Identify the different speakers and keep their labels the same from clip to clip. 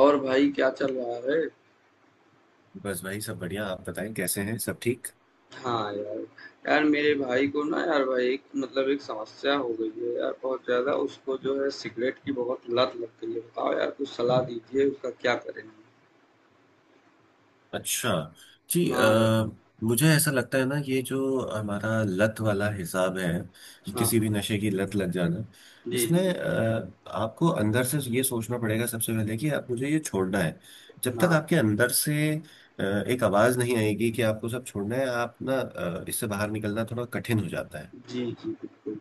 Speaker 1: और भाई क्या चल रहा है?
Speaker 2: बस भाई सब बढ़िया। आप बताएं, कैसे हैं? सब ठीक?
Speaker 1: हाँ यार, यार मेरे भाई को ना यार भाई एक मतलब एक समस्या हो गई है यार बहुत ज़्यादा उसको जो है सिगरेट की बहुत लत लग गई है। बताओ यार कुछ सलाह दीजिए उसका क्या करें?
Speaker 2: अच्छा। जी।
Speaker 1: हाँ यार,
Speaker 2: मुझे ऐसा लगता है ना, ये जो हमारा लत वाला हिसाब है कि
Speaker 1: हाँ
Speaker 2: किसी
Speaker 1: हाँ,
Speaker 2: भी नशे की लत लग जाना,
Speaker 1: जी
Speaker 2: इसमें
Speaker 1: जी,
Speaker 2: आपको अंदर से ये सोचना पड़ेगा सबसे पहले कि आप मुझे ये छोड़ना है। जब तक
Speaker 1: हाँ,
Speaker 2: आपके अंदर से एक आवाज़ नहीं आएगी कि आपको सब छोड़ना है, आप ना इससे बाहर निकलना थोड़ा कठिन हो जाता है।
Speaker 1: जी जी बिल्कुल।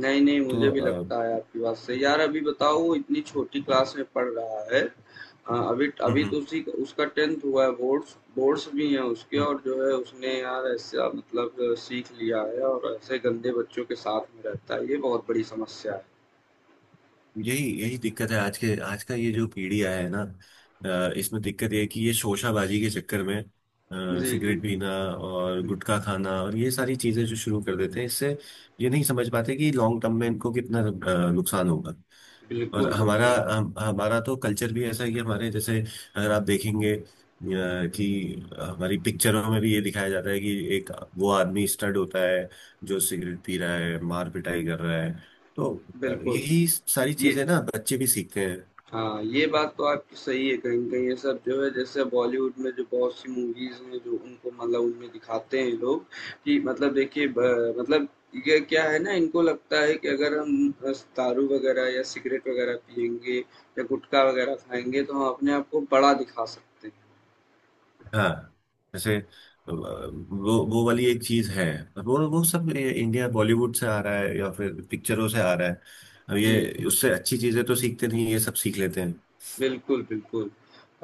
Speaker 1: नहीं नहीं मुझे
Speaker 2: तो
Speaker 1: भी लगता है आपकी बात सही। यार अभी बताओ वो इतनी छोटी क्लास में पढ़ रहा है। हाँ, अभी अभी
Speaker 2: हम्म।
Speaker 1: तो उसी उसका 10th हुआ है, बोर्ड्स बोर्ड्स भी हैं उसके,
Speaker 2: हम्म।
Speaker 1: और जो है उसने यार ऐसा मतलब सीख लिया है और ऐसे गंदे बच्चों के साथ में रहता है, ये बहुत बड़ी समस्या है।
Speaker 2: यही यही दिक्कत है। आज का ये जो पीढ़ी आया है ना, इसमें दिक्कत ये है कि ये शोशाबाजी के चक्कर में
Speaker 1: जी जी।
Speaker 2: सिगरेट पीना और
Speaker 1: हम्म,
Speaker 2: गुटखा खाना और ये सारी चीजें जो शुरू कर देते हैं, इससे ये नहीं समझ पाते कि लॉन्ग टर्म में इनको कितना नुकसान होगा। और
Speaker 1: बिल्कुल
Speaker 2: हमारा
Speaker 1: बिल्कुल।
Speaker 2: हम, हमारा तो कल्चर भी ऐसा है कि हमारे जैसे, अगर आप देखेंगे कि हमारी पिक्चरों में भी ये दिखाया जाता है कि एक, वो आदमी स्टड होता है जो सिगरेट पी रहा है, मार पिटाई कर रहा है। तो
Speaker 1: बिल्कुल
Speaker 2: यही सारी
Speaker 1: ये।
Speaker 2: चीजें ना बच्चे भी सीखते हैं।
Speaker 1: हाँ, ये बात तो आपकी सही है, कहीं न कहीं ये सब जो है जैसे बॉलीवुड में जो बहुत सी मूवीज़ हैं, जो उनको मतलब उनमें दिखाते हैं लोग कि मतलब देखिए ब मतलब ये क्या है ना, इनको लगता है कि अगर हम बस दारू वग़ैरह या सिगरेट वग़ैरह पिएँगे या गुटखा वग़ैरह खाएँगे तो हम अपने आप को बड़ा दिखा सकते हैं।
Speaker 2: हाँ। जैसे वो वाली एक चीज है। और वो सब ये इंडिया बॉलीवुड से आ रहा है या फिर पिक्चरों से आ रहा है। अब
Speaker 1: जी,
Speaker 2: ये
Speaker 1: जी।
Speaker 2: उससे अच्छी चीजें तो सीखते नहीं, ये सब सीख लेते।
Speaker 1: बिल्कुल, बिल्कुल।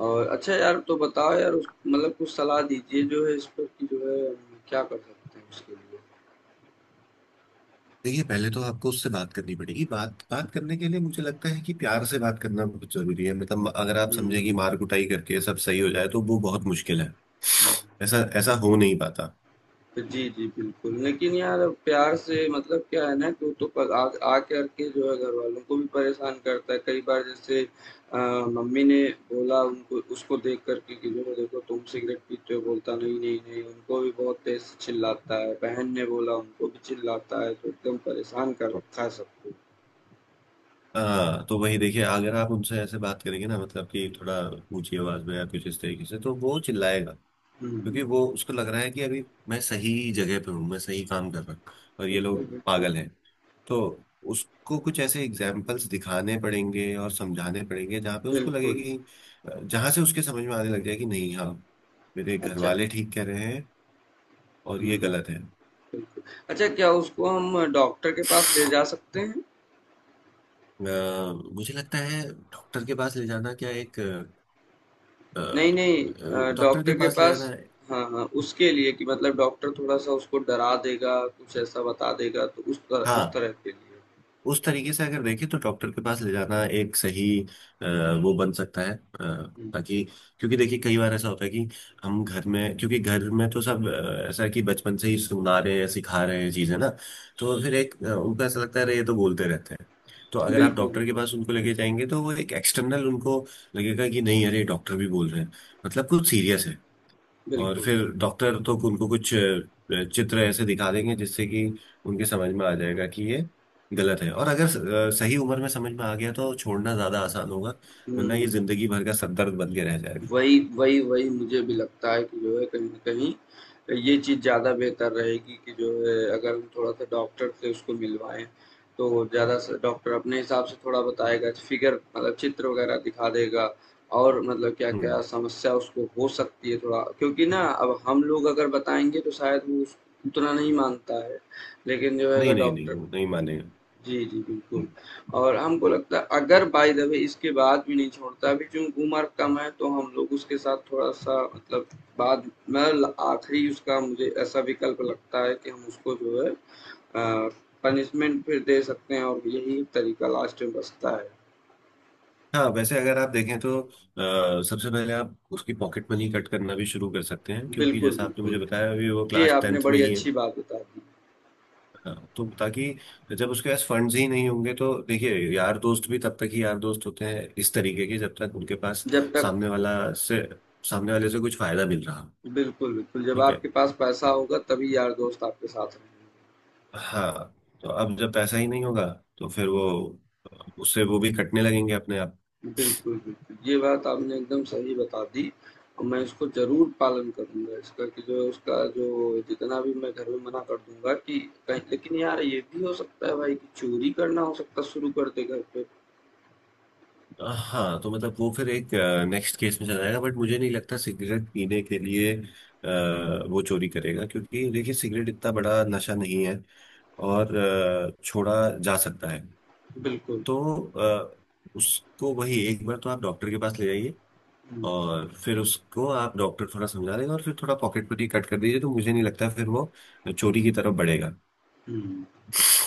Speaker 1: और अच्छा यार तो बताओ यार उस मतलब कुछ सलाह दीजिए जो है इस पर कि जो है हम क्या कर सकते हैं उसके लिए?
Speaker 2: देखिए, पहले तो आपको उससे बात करनी पड़ेगी। बात बात करने के लिए मुझे लगता है कि प्यार से बात करना बहुत जरूरी है। मतलब अगर आप समझे कि
Speaker 1: हुँ,
Speaker 2: मार कुटाई करके सब सही हो जाए तो वो बहुत मुश्किल है।
Speaker 1: हुँ।
Speaker 2: ऐसा ऐसा हो नहीं पाता।
Speaker 1: जी, जी, बिल्कुल। लेकिन यार अब प्यार से मतलब क्या है ना कि वो तो पर आ आ करके जो है घरवालों को भी परेशान करता है। कई बार जैसे मम्मी ने बोला उनको, उसको देख कर के कि जो है देखो तुम सिगरेट पीते हो, बोलता नहीं, नहीं, नहीं, उनको भी बहुत तेज़ से चिल्लाता है। बहन ने बोला उनको भी चिल्लाता है, तो एकदम परेशान कर रखा है सबको।
Speaker 2: हाँ, तो वही देखिए, अगर आप उनसे ऐसे बात करेंगे ना, मतलब कि थोड़ा ऊंची आवाज में या कुछ इस तरीके से, तो वो चिल्लाएगा।
Speaker 1: हुँ।
Speaker 2: क्योंकि वो उसको लग रहा है कि अभी मैं सही जगह पे हूँ, मैं सही काम कर रहा हूँ, और ये
Speaker 1: बिल्कुल,
Speaker 2: लोग
Speaker 1: बिल्कुल।
Speaker 2: पागल हैं। तो उसको कुछ ऐसे एग्जाम्पल्स दिखाने पड़ेंगे और समझाने पड़ेंगे जहाँ पे उसको लगे
Speaker 1: बिल्कुल।
Speaker 2: कि, जहाँ से उसके समझ में आने लग जाए कि नहीं, हाँ, मेरे घर
Speaker 1: अच्छा।
Speaker 2: वाले ठीक कह रहे हैं और ये
Speaker 1: हुँ।
Speaker 2: गलत है।
Speaker 1: बिल्कुल। अच्छा, क्या उसको हम डॉक्टर के पास ले जा सकते हैं?
Speaker 2: मुझे लगता है डॉक्टर के पास ले जाना क्या, एक
Speaker 1: नहीं, नहीं।
Speaker 2: डॉक्टर
Speaker 1: डॉक्टर
Speaker 2: के
Speaker 1: के
Speaker 2: पास ले
Speaker 1: पास,
Speaker 2: जाना है।
Speaker 1: हाँ, हाँ, उसके लिए कि मतलब डॉक्टर थोड़ा-सा उसको डरा देगा, कुछ ऐसा बता देगा, तो उस
Speaker 2: हाँ,
Speaker 1: तरह के लिए।
Speaker 2: उस तरीके से अगर देखें तो डॉक्टर के पास ले जाना एक सही अ, वो बन सकता है।
Speaker 1: हुँ,
Speaker 2: ताकि, क्योंकि देखिए कई बार ऐसा होता है कि हम घर में, क्योंकि घर में तो सब ऐसा है कि बचपन से ही सुना रहे हैं सिखा रहे हैं चीजें ना। तो फिर एक उनको ऐसा लगता है अरे ये तो बोलते रहते हैं। तो अगर आप
Speaker 1: बिल्कुल,
Speaker 2: डॉक्टर के पास उनको लेके जाएंगे तो वो एक एक्सटर्नल उनको लगेगा कि नहीं, अरे डॉक्टर भी बोल रहे हैं, मतलब कुछ सीरियस है। और
Speaker 1: बिल्कुल।
Speaker 2: फिर डॉक्टर तो उनको कुछ चित्र ऐसे दिखा देंगे जिससे कि उनके समझ में आ जाएगा कि ये गलत है। और अगर सही उम्र में समझ में आ गया तो छोड़ना ज्यादा आसान होगा। वरना ये
Speaker 1: हुँ।
Speaker 2: जिंदगी भर का सरदर्द बन के रह जाएगा।
Speaker 1: वही वही वही मुझे भी लगता है कि जो है, कहीं ना कहीं ये चीज़ ज़्यादा बेहतर रहेगी कि जो है अगर हम थोड़ा सा डॉक्टर से उसको मिलवाएँ, तो ज़्यादा से डॉक्टर अपने हिसाब से थोड़ा बताएगा, फिगर मतलब चित्र वगैरह दिखा देगा, और मतलब
Speaker 2: हम्म।
Speaker 1: क्या-क्या समस्या उसको हो सकती है, थोड़ा क्योंकि ना अब हम लोग अगर बताएँगे तो शायद वो उस उतना नहीं मानता है। लेकिन जो है अगर
Speaker 2: नहीं, नहीं, नहीं,
Speaker 1: डॉक्टर।
Speaker 2: वो नहीं मानेगा।
Speaker 1: जी, जी, बिल्कुल।
Speaker 2: हम्म।
Speaker 1: और हमको लगता है अगर बाय द वे इसके बाद भी नहीं छोड़ता, अभी चूँकि उम्र कम है तो हम लोग उसके साथ थोड़ा-सा मतलब बाद मतलब आखिरी उसका मुझे ऐसा विकल्प लगता है कि हम उसको जो है अ, पनिशमेंट फिर दे सकते हैं, और यही तरीका लास्ट में बचता है।
Speaker 2: हाँ, वैसे अगर आप देखें तो सबसे पहले आप उसकी पॉकेट मनी कट करना भी शुरू कर सकते हैं, क्योंकि
Speaker 1: बिल्कुल,
Speaker 2: जैसा आपने मुझे
Speaker 1: बिल्कुल।
Speaker 2: बताया अभी वो
Speaker 1: जी,
Speaker 2: क्लास
Speaker 1: आपने
Speaker 2: टेंथ में
Speaker 1: बड़ी
Speaker 2: ही है।
Speaker 1: अच्छी बात बता दी।
Speaker 2: हाँ, तो ताकि जब उसके पास फंड्स ही नहीं होंगे तो देखिए, यार दोस्त भी तब तक ही यार दोस्त होते हैं इस तरीके के, जब तक उनके पास
Speaker 1: जब तक।
Speaker 2: सामने वाला से सामने वाले से कुछ फायदा मिल रहा हो।
Speaker 1: बिल्कुल, बिल्कुल, जब
Speaker 2: ठीक है।
Speaker 1: आपके पास पैसा
Speaker 2: अब-
Speaker 1: होगा तभी यार दोस्त आपके साथ रहेंगे।
Speaker 2: हाँ। तो अब जब पैसा ही नहीं होगा, तो फिर वो, उससे वो भी कटने लगेंगे अपने आप।
Speaker 1: बिल्कुल, बिल्कुल। ये बात आपने एकदम सही बता दी, और मैं इसको ज़रूर पालन करूँगा इसका कि जो उसका जो जितना भी मैं घर में मना कर दूँगा कि कहीं, लेकिन यार ये भी हो सकता है भाई कि चोरी करना हो सकता है शुरू कर दे घर पे।
Speaker 2: हाँ, तो मतलब वो फिर एक नेक्स्ट केस में चला जाएगा, बट मुझे नहीं लगता सिगरेट पीने के लिए वो चोरी करेगा। क्योंकि देखिए सिगरेट इतना बड़ा नशा नहीं है, और छोड़ा जा सकता है।
Speaker 1: बिल्कुल।
Speaker 2: तो अ, उसको वही एक बार तो आप डॉक्टर के पास ले जाइए,
Speaker 1: हुँ,
Speaker 2: और फिर उसको आप डॉक्टर थोड़ा समझा देगा, और फिर थोड़ा पॉकेटमनी कट कर दीजिए, तो मुझे नहीं लगता फिर वो चोरी की तरफ बढ़ेगा।
Speaker 1: हुँ।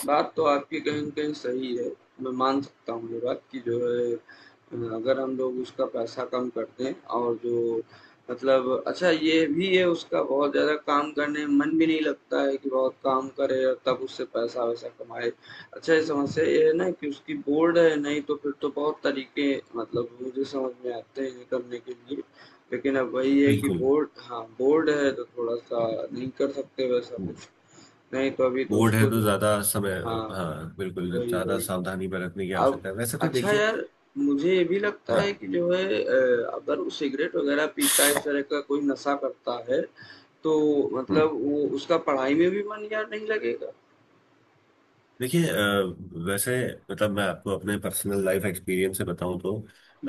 Speaker 1: बात तो आपकी कहीं न कहीं सही है। मैं मान सकता हूँ ये बात कि जो है अगर हम लोग उसका पैसा कम कर दें और जो मतलब अच्छा ये भी है उसका बहुत ज़्यादा काम करने में मन भी नहीं लगता है कि बहुत काम करे और तब उससे पैसा-वैसा कमाए। अच्छा, ये समस्या ये है ना कि उसकी बोर्ड है, नहीं तो फिर तो बहुत तरीके मतलब मुझे समझ में आते हैं करने के लिए। लेकिन अब वही है कि
Speaker 2: बिल्कुल।
Speaker 1: बोर्ड, हाँ, बोर्ड है तो थोड़ा-सा नहीं कर सकते वैसा कुछ। नहीं तो अभी तो
Speaker 2: बोर्ड
Speaker 1: उसको
Speaker 2: है तो
Speaker 1: जो।
Speaker 2: ज्यादा समय,
Speaker 1: हाँ,
Speaker 2: हाँ, बिल्कुल,
Speaker 1: वही,
Speaker 2: ज्यादा
Speaker 1: वही।
Speaker 2: सावधानी बरतने की
Speaker 1: अब
Speaker 2: आवश्यकता है वैसे तो
Speaker 1: अच्छा
Speaker 2: देखिए।
Speaker 1: यार, मुझे ये भी लगता है
Speaker 2: हाँ।
Speaker 1: कि जो है अगर वो सिगरेट वगैरह पीता है, इस तरह का कोई नशा करता है, तो
Speaker 2: हम्म।
Speaker 1: मतलब वो उसका पढ़ाई में भी मन यार नहीं लगेगा।
Speaker 2: देखिए, वैसे मतलब मैं आपको अपने पर्सनल लाइफ एक्सपीरियंस से बताऊं तो,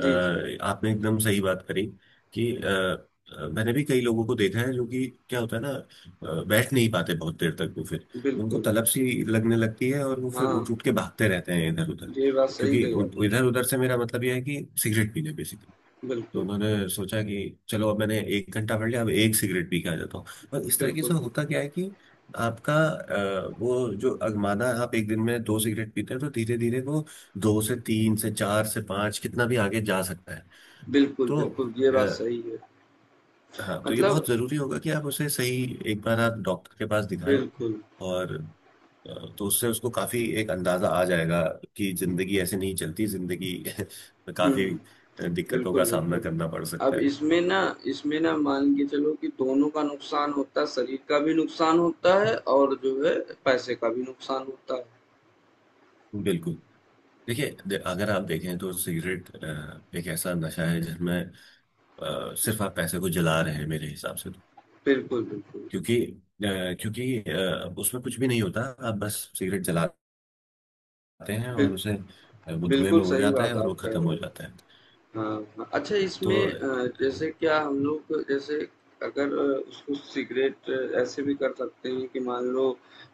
Speaker 2: अ,
Speaker 1: जी,
Speaker 2: आपने एकदम सही बात करी कि मैंने भी कई लोगों को देखा है। जो कि क्या होता है ना, बैठ नहीं पाते बहुत देर तक वो, फिर उनको
Speaker 1: बिल्कुल।
Speaker 2: तलब सी लगने लगती है और वो फिर
Speaker 1: हाँ,
Speaker 2: उठ उठ के भागते रहते हैं इधर उधर।
Speaker 1: ये बात सही
Speaker 2: क्योंकि
Speaker 1: कही आपने।
Speaker 2: इधर उधर से मेरा मतलब यह है कि सिगरेट पीने बेसिकली। तो
Speaker 1: बिल्कुल,
Speaker 2: मैंने सोचा कि चलो, अब मैंने 1 घंटा पढ़ लिया, अब एक सिगरेट पी के आ जाता हूँ। और इस तरीके
Speaker 1: बिल्कुल,
Speaker 2: से होता
Speaker 1: बिल्कुल।
Speaker 2: क्या है कि आपका वो जो अगमाना, आप एक दिन में दो सिगरेट पीते हैं, तो धीरे धीरे वो दो से तीन से चार से पांच कितना भी आगे जा सकता है।
Speaker 1: बिल्कुल,
Speaker 2: तो
Speaker 1: बिल्कुल, ये बात
Speaker 2: अ,
Speaker 1: सही है।
Speaker 2: हाँ, तो ये
Speaker 1: मतलब।
Speaker 2: बहुत जरूरी होगा कि आप उसे सही, एक बार आप डॉक्टर के पास दिखाएं।
Speaker 1: बिल्कुल।
Speaker 2: और तो उससे उसको काफी एक अंदाजा आ जाएगा कि
Speaker 1: हुँ,
Speaker 2: जिंदगी ऐसे नहीं चलती, जिंदगी में
Speaker 1: हुँ।
Speaker 2: काफी दिक्कतों का
Speaker 1: बिल्कुल,
Speaker 2: सामना
Speaker 1: बिल्कुल।
Speaker 2: करना पड़ सकता
Speaker 1: अब
Speaker 2: है।
Speaker 1: इसमें ना, इसमें ना मान के चलो कि दोनों का नुकसान होता है, शरीर का भी नुकसान होता है और जो है पैसे का भी नुकसान होता है।
Speaker 2: बिल्कुल। देखिए, अगर आप देखें तो सिगरेट एक ऐसा नशा है जिसमें सिर्फ आप पैसे को जला रहे हैं मेरे हिसाब से तो।
Speaker 1: बिल्कुल, बिल्कुल।
Speaker 2: क्योंकि उसमें कुछ भी नहीं होता। आप बस सिगरेट जलाते हैं,
Speaker 1: बिल
Speaker 2: और उसे वो धुएं
Speaker 1: बिल्कुल
Speaker 2: में उड़
Speaker 1: सही
Speaker 2: जाता है
Speaker 1: बात
Speaker 2: और वो
Speaker 1: आप कह
Speaker 2: खत्म
Speaker 1: रहे
Speaker 2: हो
Speaker 1: हो।
Speaker 2: जाता है।
Speaker 1: हाँ, अच्छा,
Speaker 2: तो
Speaker 1: इसमें जैसे क्या हम लोग जैसे अगर उसको सिगरेट ऐसे भी कर सकते हैं कि मान लो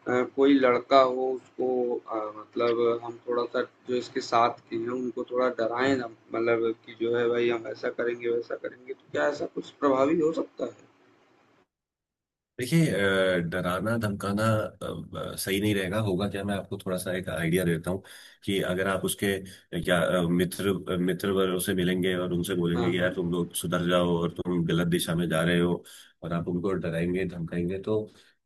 Speaker 1: कोई लड़का हो उसको मतलब हम थोड़ा सा जो इसके साथ के हैं उनको थोड़ा डराएं ना, मतलब कि जो है भाई हम ऐसा करेंगे वैसा करेंगे, तो क्या ऐसा कुछ प्रभावी हो सकता है?
Speaker 2: देखिए, डराना धमकाना सही नहीं रहेगा। होगा क्या, मैं आपको थोड़ा सा एक आइडिया देता हूँ। कि अगर आप उसके या मित्र वर्गों से मिलेंगे और उनसे
Speaker 1: हाँ
Speaker 2: बोलेंगे कि
Speaker 1: हाँ।
Speaker 2: यार तुम लोग सुधर जाओ और तुम गलत दिशा में जा रहे हो, और आप उनको डराएंगे धमकाएंगे, तो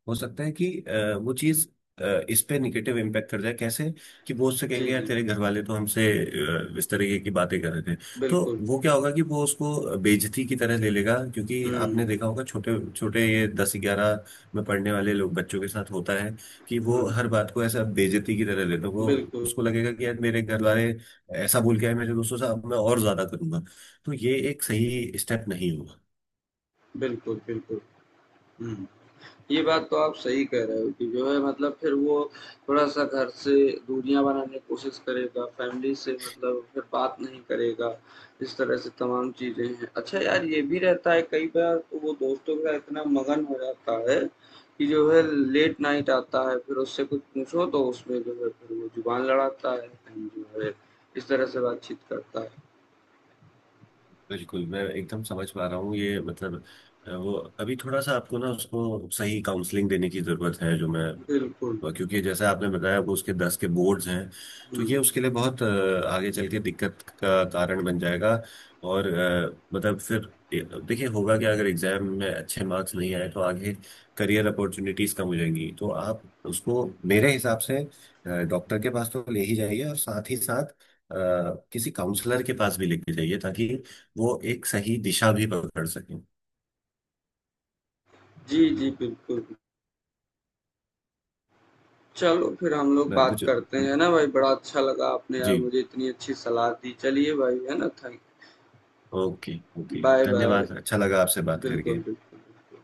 Speaker 2: हो सकता है कि वो चीज़ इस पे निगेटिव इम्पैक्ट कर जाए। कैसे? कि वो उससे
Speaker 1: जी
Speaker 2: कहेंगे यार,
Speaker 1: जी।
Speaker 2: तेरे घर वाले तो हमसे इस तरीके की बातें कर रहे थे। तो
Speaker 1: बिल्कुल
Speaker 2: वो
Speaker 1: बिल्कुल।
Speaker 2: क्या होगा कि वो उसको बेइज्जती की तरह ले लेगा। क्योंकि
Speaker 1: हम्म
Speaker 2: आपने देखा होगा छोटे छोटे ये 10-11 में पढ़ने वाले लोग, बच्चों के साथ होता है कि वो
Speaker 1: हम्म।
Speaker 2: हर बात को ऐसा बेइज्जती की तरह ले। तो वो
Speaker 1: बिल्कुल
Speaker 2: उसको लगेगा कि यार, मेरे घर वाले ऐसा बोल के आए मेरे दोस्तों से, अब मैं और ज्यादा करूंगा। तो ये एक सही स्टेप नहीं होगा।
Speaker 1: बिल्कुल बिल्कुल। हम्म। ये बात तो आप सही कह रहे हो कि जो है मतलब फिर वो थोड़ा-सा घर से दूरियाँ बनाने की कोशिश करेगा, फैमिली से मतलब फिर बात नहीं करेगा, इस तरह से तमाम चीज़ें हैं। अच्छा यार, ये भी रहता है कई बार तो वो दोस्तों के साथ इतना मगन हो जाता है कि जो है लेट नाइट आता है, फिर उससे कुछ पूछो तो उसमें जो है फिर वो ज़ुबान लड़ाता है एंड जो है इस तरह से बातचीत करता है।
Speaker 2: बिल्कुल। मैं एकदम समझ पा रहा हूँ ये मतलब। वो अभी थोड़ा सा आपको ना उसको सही काउंसलिंग देने की जरूरत है। जो मैं
Speaker 1: बिल्कुल।
Speaker 2: क्योंकि जैसा आपने बताया वो उसके 10 के बोर्ड्स हैं। तो ये
Speaker 1: हुँ।
Speaker 2: उसके लिए बहुत आगे चल के दिक्कत का कारण बन जाएगा। और मतलब फिर देखिए, होगा क्या अगर एग्जाम में अच्छे मार्क्स नहीं आए तो आगे करियर अपॉर्चुनिटीज कम हो जाएंगी। तो आप उसको मेरे हिसाब से डॉक्टर के पास तो ले ही जाइए, और साथ ही साथ अ, किसी काउंसलर के पास भी लेके जाइए, ताकि वो एक सही दिशा भी पकड़ सकें।
Speaker 1: जी, जी, बिल्कुल। चलो फिर हम लोग
Speaker 2: मैं-
Speaker 1: बात
Speaker 2: मुझे
Speaker 1: करते हैं, है ना भाई? बड़ा अच्छा लगा आपने यार
Speaker 2: जी।
Speaker 1: मुझे इतनी अच्छी सलाह दी। चलिए भाई, है ना? Thank
Speaker 2: okay. Okay,
Speaker 1: bye bye.
Speaker 2: धन्यवाद। अच्छा लगा आपसे बात करके।
Speaker 1: बिल्कुल, बिल्कुल, बिल्कुल।